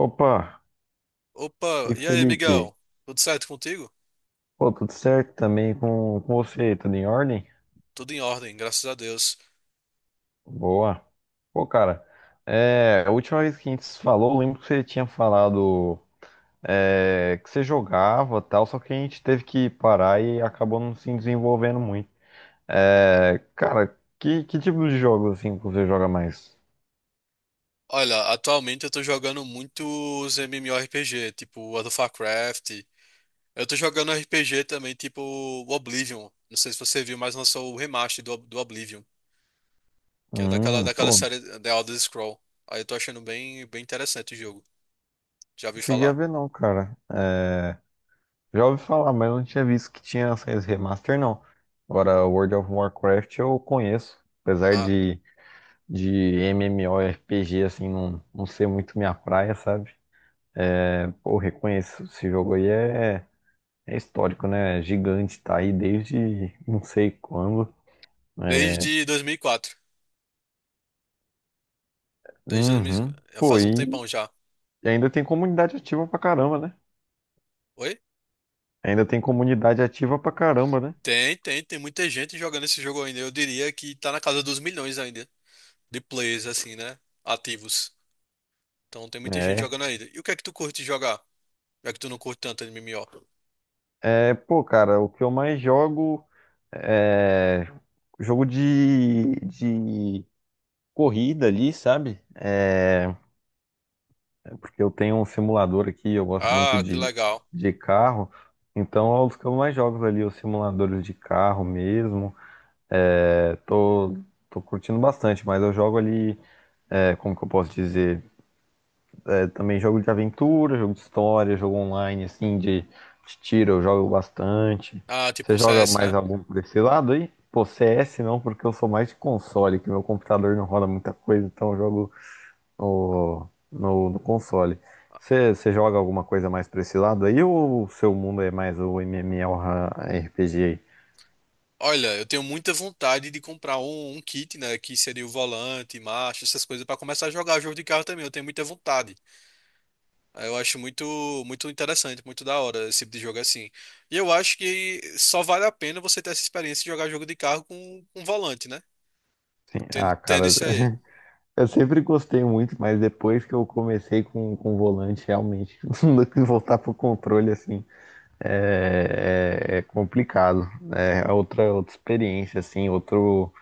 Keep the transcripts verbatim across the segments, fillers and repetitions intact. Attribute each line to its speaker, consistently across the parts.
Speaker 1: Opa,
Speaker 2: Opa,
Speaker 1: e
Speaker 2: e aí,
Speaker 1: Felipe?
Speaker 2: Miguel? Tudo certo contigo?
Speaker 1: Pô, tudo certo também com, com você? Tudo em ordem?
Speaker 2: Tudo em ordem, graças a Deus.
Speaker 1: Boa. Pô, cara, é, a última vez que a gente se falou, eu lembro que você tinha falado é, que você jogava tal, só que a gente teve que parar e acabou não se desenvolvendo muito. É, cara, que, que tipo de jogo assim que você joga mais?
Speaker 2: Olha, atualmente eu tô jogando muitos MMORPG, tipo World of Warcraft. Eu tô jogando R P G também, tipo Oblivion. Não sei se você viu, mas lançou o remaster do, do Oblivion, que é daquela,
Speaker 1: Hum,
Speaker 2: daquela
Speaker 1: pô, não
Speaker 2: série eh, The Elder Scroll. Aí eu tô achando bem, bem interessante o jogo. Já ouvi
Speaker 1: cheguei a
Speaker 2: falar?
Speaker 1: ver não, cara. Já ouvi falar, mas eu não tinha visto que tinha saído remaster, não. Agora, World of Warcraft eu conheço, apesar
Speaker 2: Ah,
Speaker 1: de, de MMORPG, assim, não, não ser muito minha praia, sabe? É, pô, reconheço, esse jogo aí é, é histórico, né? É gigante, tá aí desde não sei quando. Né?
Speaker 2: desde dois mil e quatro. Desde dois mil,
Speaker 1: Uhum. Pô,
Speaker 2: faz um
Speaker 1: e
Speaker 2: tempão já.
Speaker 1: ainda tem comunidade ativa pra caramba, né?
Speaker 2: Oi?
Speaker 1: Ainda tem comunidade ativa pra caramba, né?
Speaker 2: Tem, tem, tem muita gente jogando esse jogo ainda. Eu diria que tá na casa dos milhões ainda, de players, assim, né? Ativos. Então tem muita gente
Speaker 1: É.
Speaker 2: jogando ainda. E o que é que tu curte jogar? Já que tu não curte tanto M M O.
Speaker 1: É, pô, cara, o que eu mais jogo é jogo de, de corrida ali, sabe? É, porque eu tenho um simulador aqui, eu gosto muito
Speaker 2: Ah, que
Speaker 1: de,
Speaker 2: legal.
Speaker 1: de carro, então é os que eu mais jogo ali, os simuladores de carro mesmo. É, tô, tô curtindo bastante, mas eu jogo ali, é, como que eu posso dizer? Também jogo de aventura, jogo de história, jogo online, assim, de, de tiro, eu jogo bastante.
Speaker 2: Ah, tipo
Speaker 1: Você
Speaker 2: um
Speaker 1: joga
Speaker 2: C S,
Speaker 1: mais
Speaker 2: né?
Speaker 1: algum por esse lado aí? Pô, C S não, porque eu sou mais de console, que meu computador não roda muita coisa, então eu jogo no, no, no console. Você, você joga alguma coisa mais pra esse lado aí, ou o seu mundo é mais o MMORPG aí?
Speaker 2: Olha, eu tenho muita vontade de comprar um, um kit, né? Que seria o volante, marcha, essas coisas, pra começar a jogar jogo de carro também. Eu tenho muita vontade. Ah, eu acho muito, muito interessante, muito da hora esse tipo de jogo assim. E eu acho que só vale a pena você ter essa experiência de jogar jogo de carro com, com volante, né?
Speaker 1: Sim,
Speaker 2: Tendo,
Speaker 1: ah,
Speaker 2: tendo
Speaker 1: cara,
Speaker 2: isso aí.
Speaker 1: eu sempre gostei muito, mas depois que eu comecei com, com o volante, realmente, não dá pra voltar pro controle, assim, é, é- é complicado. Né? É outra, outra experiência, assim, outro,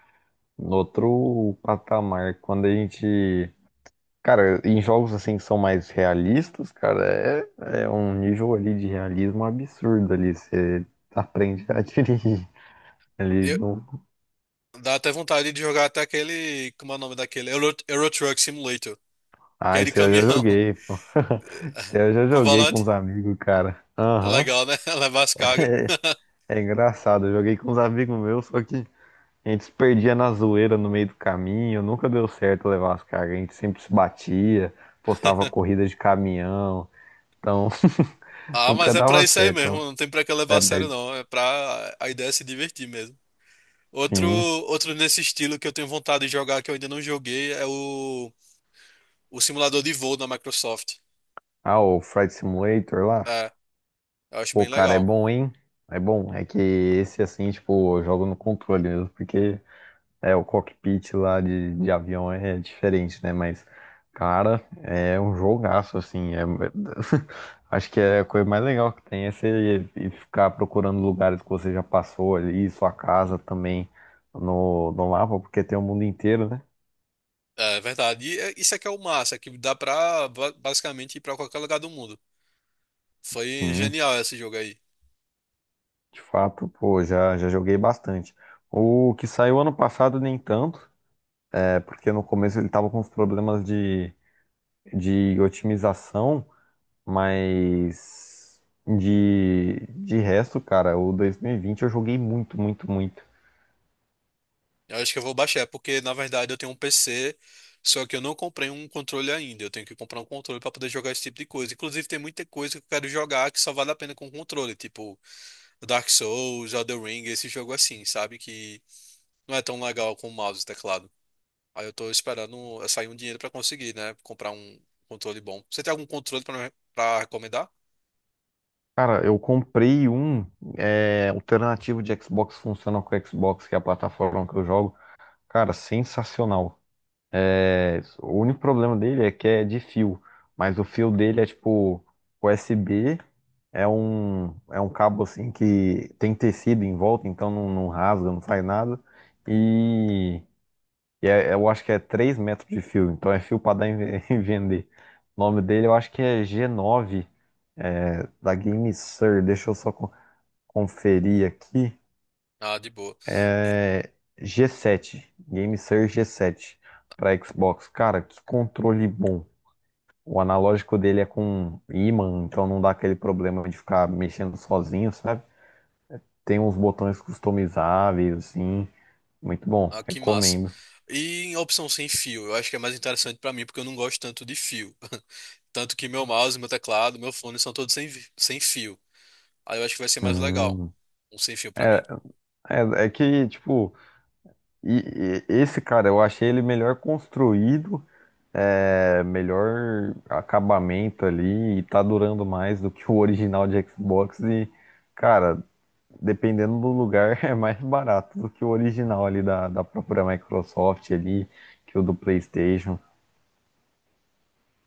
Speaker 1: outro patamar. Quando a gente. Cara, em jogos assim que são mais realistas, cara, é, é um nível ali de realismo absurdo ali. Você aprende a dirigir ali.
Speaker 2: Eu,
Speaker 1: No...
Speaker 2: Dá até vontade de jogar até aquele. Como é o nome daquele? Euro, Euro Truck Simulator. Que
Speaker 1: Ah,
Speaker 2: é de
Speaker 1: isso aí eu já
Speaker 2: caminhão.
Speaker 1: joguei, pô. Isso aí eu já
Speaker 2: Com
Speaker 1: joguei com
Speaker 2: volante.
Speaker 1: os amigos, cara. Aham.
Speaker 2: Legal, né? Levar as cargas.
Speaker 1: É engraçado, eu joguei com os amigos meus, só que. A gente se perdia na zoeira no meio do caminho, nunca deu certo levar as cargas, a gente sempre se batia, postava corrida de caminhão, então
Speaker 2: Ah,
Speaker 1: nunca
Speaker 2: mas é pra
Speaker 1: dava
Speaker 2: isso aí mesmo.
Speaker 1: certo.
Speaker 2: Não tem pra que levar
Speaker 1: É,
Speaker 2: a sério,
Speaker 1: mas
Speaker 2: não. É pra. A ideia é se divertir mesmo. Outro,
Speaker 1: sim.
Speaker 2: outro nesse estilo que eu tenho vontade de jogar que eu ainda não joguei é o, o simulador de voo da Microsoft.
Speaker 1: Ah, o Flight Simulator lá,
Speaker 2: É, eu acho
Speaker 1: pô,
Speaker 2: bem
Speaker 1: cara, é
Speaker 2: legal.
Speaker 1: bom, hein? É bom, é que esse assim, tipo, eu jogo no controle mesmo, porque é, o cockpit lá de, de avião é diferente, né? Mas, cara, é um jogaço, assim. É... Acho que é a coisa mais legal que tem é você ir- ficar procurando lugares que você já passou ali, sua casa também no, no mapa, porque tem o mundo inteiro, né?
Speaker 2: É verdade. E é- isso é que é o massa, é que dá pra ba- basicamente ir pra qualquer lugar do mundo. Foi
Speaker 1: Sim,
Speaker 2: genial esse jogo aí.
Speaker 1: de fato, pô, já, já joguei bastante. O que saiu ano passado, nem tanto, é porque no começo ele tava com uns problemas de, de otimização. Mas de, de resto, cara, o dois mil e vinte eu joguei muito, muito, muito.
Speaker 2: Eu acho que eu vou baixar, é porque na verdade eu tenho um P C, só que eu não comprei um controle ainda. Eu tenho que comprar um controle para poder jogar esse tipo de coisa. Inclusive, tem muita coisa que eu quero jogar que só vale a pena com controle, tipo Dark Souls, Elden Ring, esse jogo assim, sabe? Que não é tão legal com o mouse e teclado. Aí eu tô esperando sair um dinheiro para conseguir, né? Comprar um controle bom. Você tem algum controle para para recomendar?
Speaker 1: Cara, eu comprei um é, alternativo de Xbox, funciona com o Xbox, que é a plataforma que eu jogo. Cara, sensacional. É, o único problema dele é que é de fio, mas o fio dele é tipo U S B, é um, é um cabo assim que tem tecido em volta, então não, não rasga, não faz nada. E E é- eu acho que é três metros de fio, então é fio pra dar em ve- em vender. O nome dele eu acho que é g nove da GameSir. Deixa eu só co- conferir aqui.
Speaker 2: Ah, de boa. E-
Speaker 1: É g sete, GameSir g sete para Xbox. Cara, que controle bom. O analógico dele é com ímã, então não dá aquele problema de ficar mexendo sozinho, sabe? Tem uns botões customizáveis, assim. Muito bom,
Speaker 2: Ah, que massa.
Speaker 1: recomendo.
Speaker 2: E em opção sem fio, eu acho que é mais interessante para mim, porque eu não gosto tanto de fio. Tanto que meu mouse, meu teclado, meu fone são todos sem, vi- sem fio. Aí eu acho que vai ser mais legal.
Speaker 1: Hum,
Speaker 2: Um sem fio pra mim.
Speaker 1: é, é, é que, tipo. E, e- esse cara, eu achei ele melhor construído, é, melhor acabamento ali, e tá durando mais do que o original de Xbox. E, cara, dependendo do lugar, é mais barato do que o original ali da, da própria Microsoft ali, que o do PlayStation.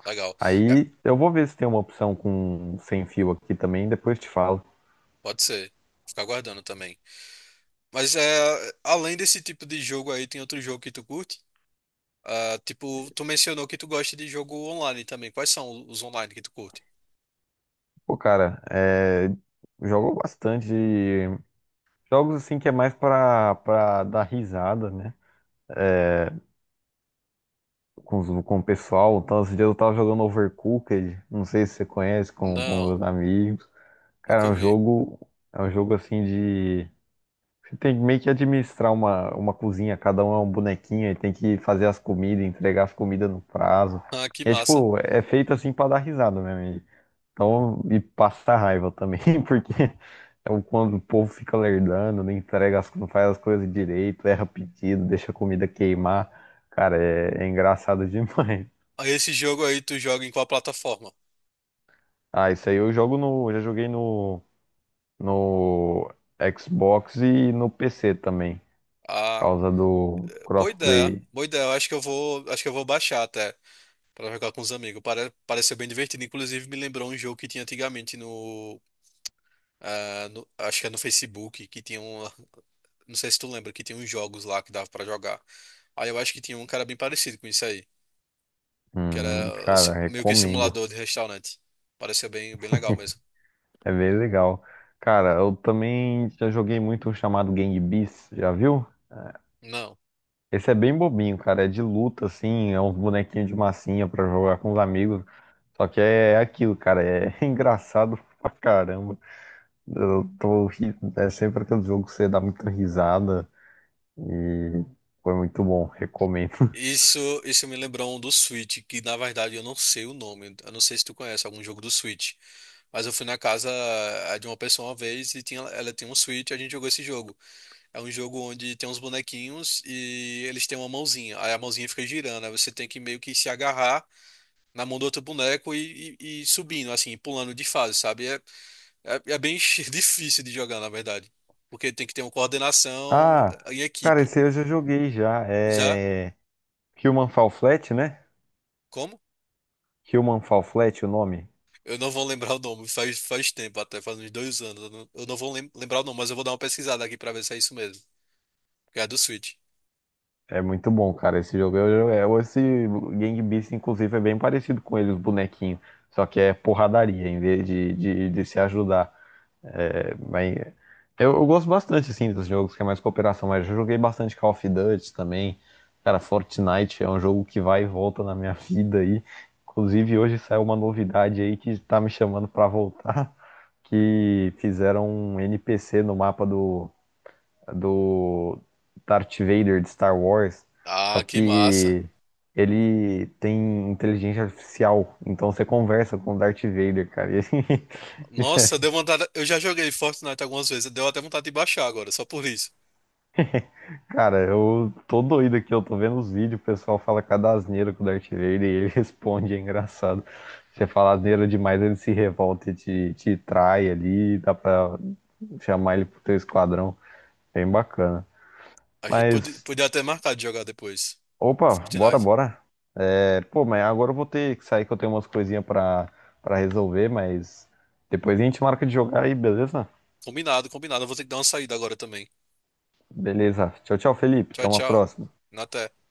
Speaker 2: Legal. É,
Speaker 1: Aí eu vou ver se tem uma opção com sem fio aqui também, depois te falo.
Speaker 2: pode ser. Ficar aguardando também. Mas é, além desse tipo de jogo aí, tem outro jogo que tu curte? Ah, tipo, tu mencionou que tu gosta de jogo online também. Quais são os online que tu curte?
Speaker 1: Pô, cara, é, jogo bastante jogos assim que é mais pra, pra dar risada, né? Com, os- com o pessoal. Então, esse dias eu tava jogando Overcooked, não sei se você conhece, com, com
Speaker 2: Não,
Speaker 1: meus amigos. Cara,
Speaker 2: nunca
Speaker 1: é um
Speaker 2: vi.
Speaker 1: jogo, é um jogo assim de. Você tem que meio que administrar uma, uma cozinha, cada um é um bonequinho e tem que fazer as comidas, entregar as comidas no prazo.
Speaker 2: Ah, que
Speaker 1: É
Speaker 2: massa.
Speaker 1: tipo, é feito assim pra dar risada mesmo. e- Então, e passar raiva também, porque é o quando o povo fica lerdando, não entrega as, não faz as coisas direito, erra pedido, deixa a comida queimar. Cara, é, é engraçado demais.
Speaker 2: Ah, esse jogo aí tu joga em qual plataforma?
Speaker 1: Ah, isso aí eu jogo no. Já joguei no, no Xbox e no P C também. Por
Speaker 2: Ah,
Speaker 1: causa do
Speaker 2: boa ideia.
Speaker 1: crossplay.
Speaker 2: Boa ideia. Eu acho que eu vou, acho que eu vou baixar até. Pra jogar com os amigos. Pare- pareceu bem divertido. Inclusive, me lembrou um jogo que tinha antigamente no, ah, no- Acho que é no Facebook, que tinha um. Não sei se tu lembra, que tinha uns jogos lá que dava pra jogar. Aí eu acho que tinha um cara bem parecido com isso aí. Que
Speaker 1: Hum,
Speaker 2: era assim,
Speaker 1: cara,
Speaker 2: meio que
Speaker 1: recomendo.
Speaker 2: simulador de restaurante. Pareceu bem, bem legal mesmo.
Speaker 1: É bem legal. Cara, eu também já joguei muito um chamado Gang Beasts, já viu?
Speaker 2: Não.
Speaker 1: Esse é bem bobinho, cara. É de luta, assim. É uns bonequinhos de massinha pra jogar com os amigos. Só que é é aquilo, cara. É engraçado pra caramba. Eu tô. ri- É sempre aquele jogo que você dá muita risada. Foi muito bom, recomendo.
Speaker 2: Isso, isso me lembrou um do Switch, que na verdade eu não sei o nome. Eu não sei se tu conhece algum jogo do Switch. Mas eu fui na casa eh, de uma pessoa uma vez e tinha, ela tinha um Switch e a gente jogou esse jogo. É um jogo onde tem uns bonequinhos e eles têm uma mãozinha. Aí a mãozinha fica girando. Aí você tem que meio que se agarrar na mão do outro boneco e, e- e subindo, assim, pulando de fase, sabe? É, é, é bem difícil de jogar, na verdade. Porque tem que ter uma coordenação
Speaker 1: Ah,
Speaker 2: em
Speaker 1: cara,
Speaker 2: equipe.
Speaker 1: esse aí eu já joguei já.
Speaker 2: Já?
Speaker 1: É Human Fall Flat, né?
Speaker 2: Como?
Speaker 1: Human Fall Flat, o nome.
Speaker 2: Eu não vou lembrar o nome. Faz, faz tempo, até faz uns dois anos. Eu não, eu não vou lem- lembrar o nome, mas eu vou dar uma pesquisada aqui pra ver se é isso mesmo. Que é do Switch.
Speaker 1: É muito bom, cara. Esse jogo eu eu- Esse Gang Beasts, inclusive, é bem parecido com ele, os bonequinhos. Só que é porradaria em vez de, de, de se ajudar. É, mas eu, eu gosto bastante, assim, dos jogos que é mais cooperação. Mas eu joguei bastante Call of Duty também. Cara, Fortnite é um jogo que vai e volta na minha vida aí. Inclusive, hoje saiu uma novidade aí que tá me chamando pra voltar. Que fizeram um N P C no mapa do, do Darth Vader de Star Wars, só
Speaker 2: Ah, que massa.
Speaker 1: que ele tem inteligência artificial, então você conversa com o Darth Vader, cara. E,
Speaker 2: Nossa, deu vontade. Eu já joguei Fortnite algumas vezes, deu até vontade de baixar agora, só por isso.
Speaker 1: cara, eu tô doido aqui, eu tô vendo os vídeos, o pessoal fala cada asneira com o Darth Vader e ele responde, é engraçado. Você fala asneira demais, ele se revolta e te, te trai ali, dá pra chamar ele pro teu esquadrão. Bem bacana.
Speaker 2: A gente pode-
Speaker 1: Mas,
Speaker 2: podia até marcar de jogar depois.
Speaker 1: opa, bora,
Speaker 2: Fortnite.
Speaker 1: bora. É, pô, mas agora eu vou ter que sair que eu tenho umas coisinhas pra, pra resolver, mas depois a gente marca de jogar aí, beleza?
Speaker 2: Combinado, combinado. Eu vou ter que dar uma saída agora também.
Speaker 1: Beleza. Tchau, tchau, Felipe.
Speaker 2: Tchau,
Speaker 1: Até uma
Speaker 2: tchau.
Speaker 1: próxima.
Speaker 2: Até.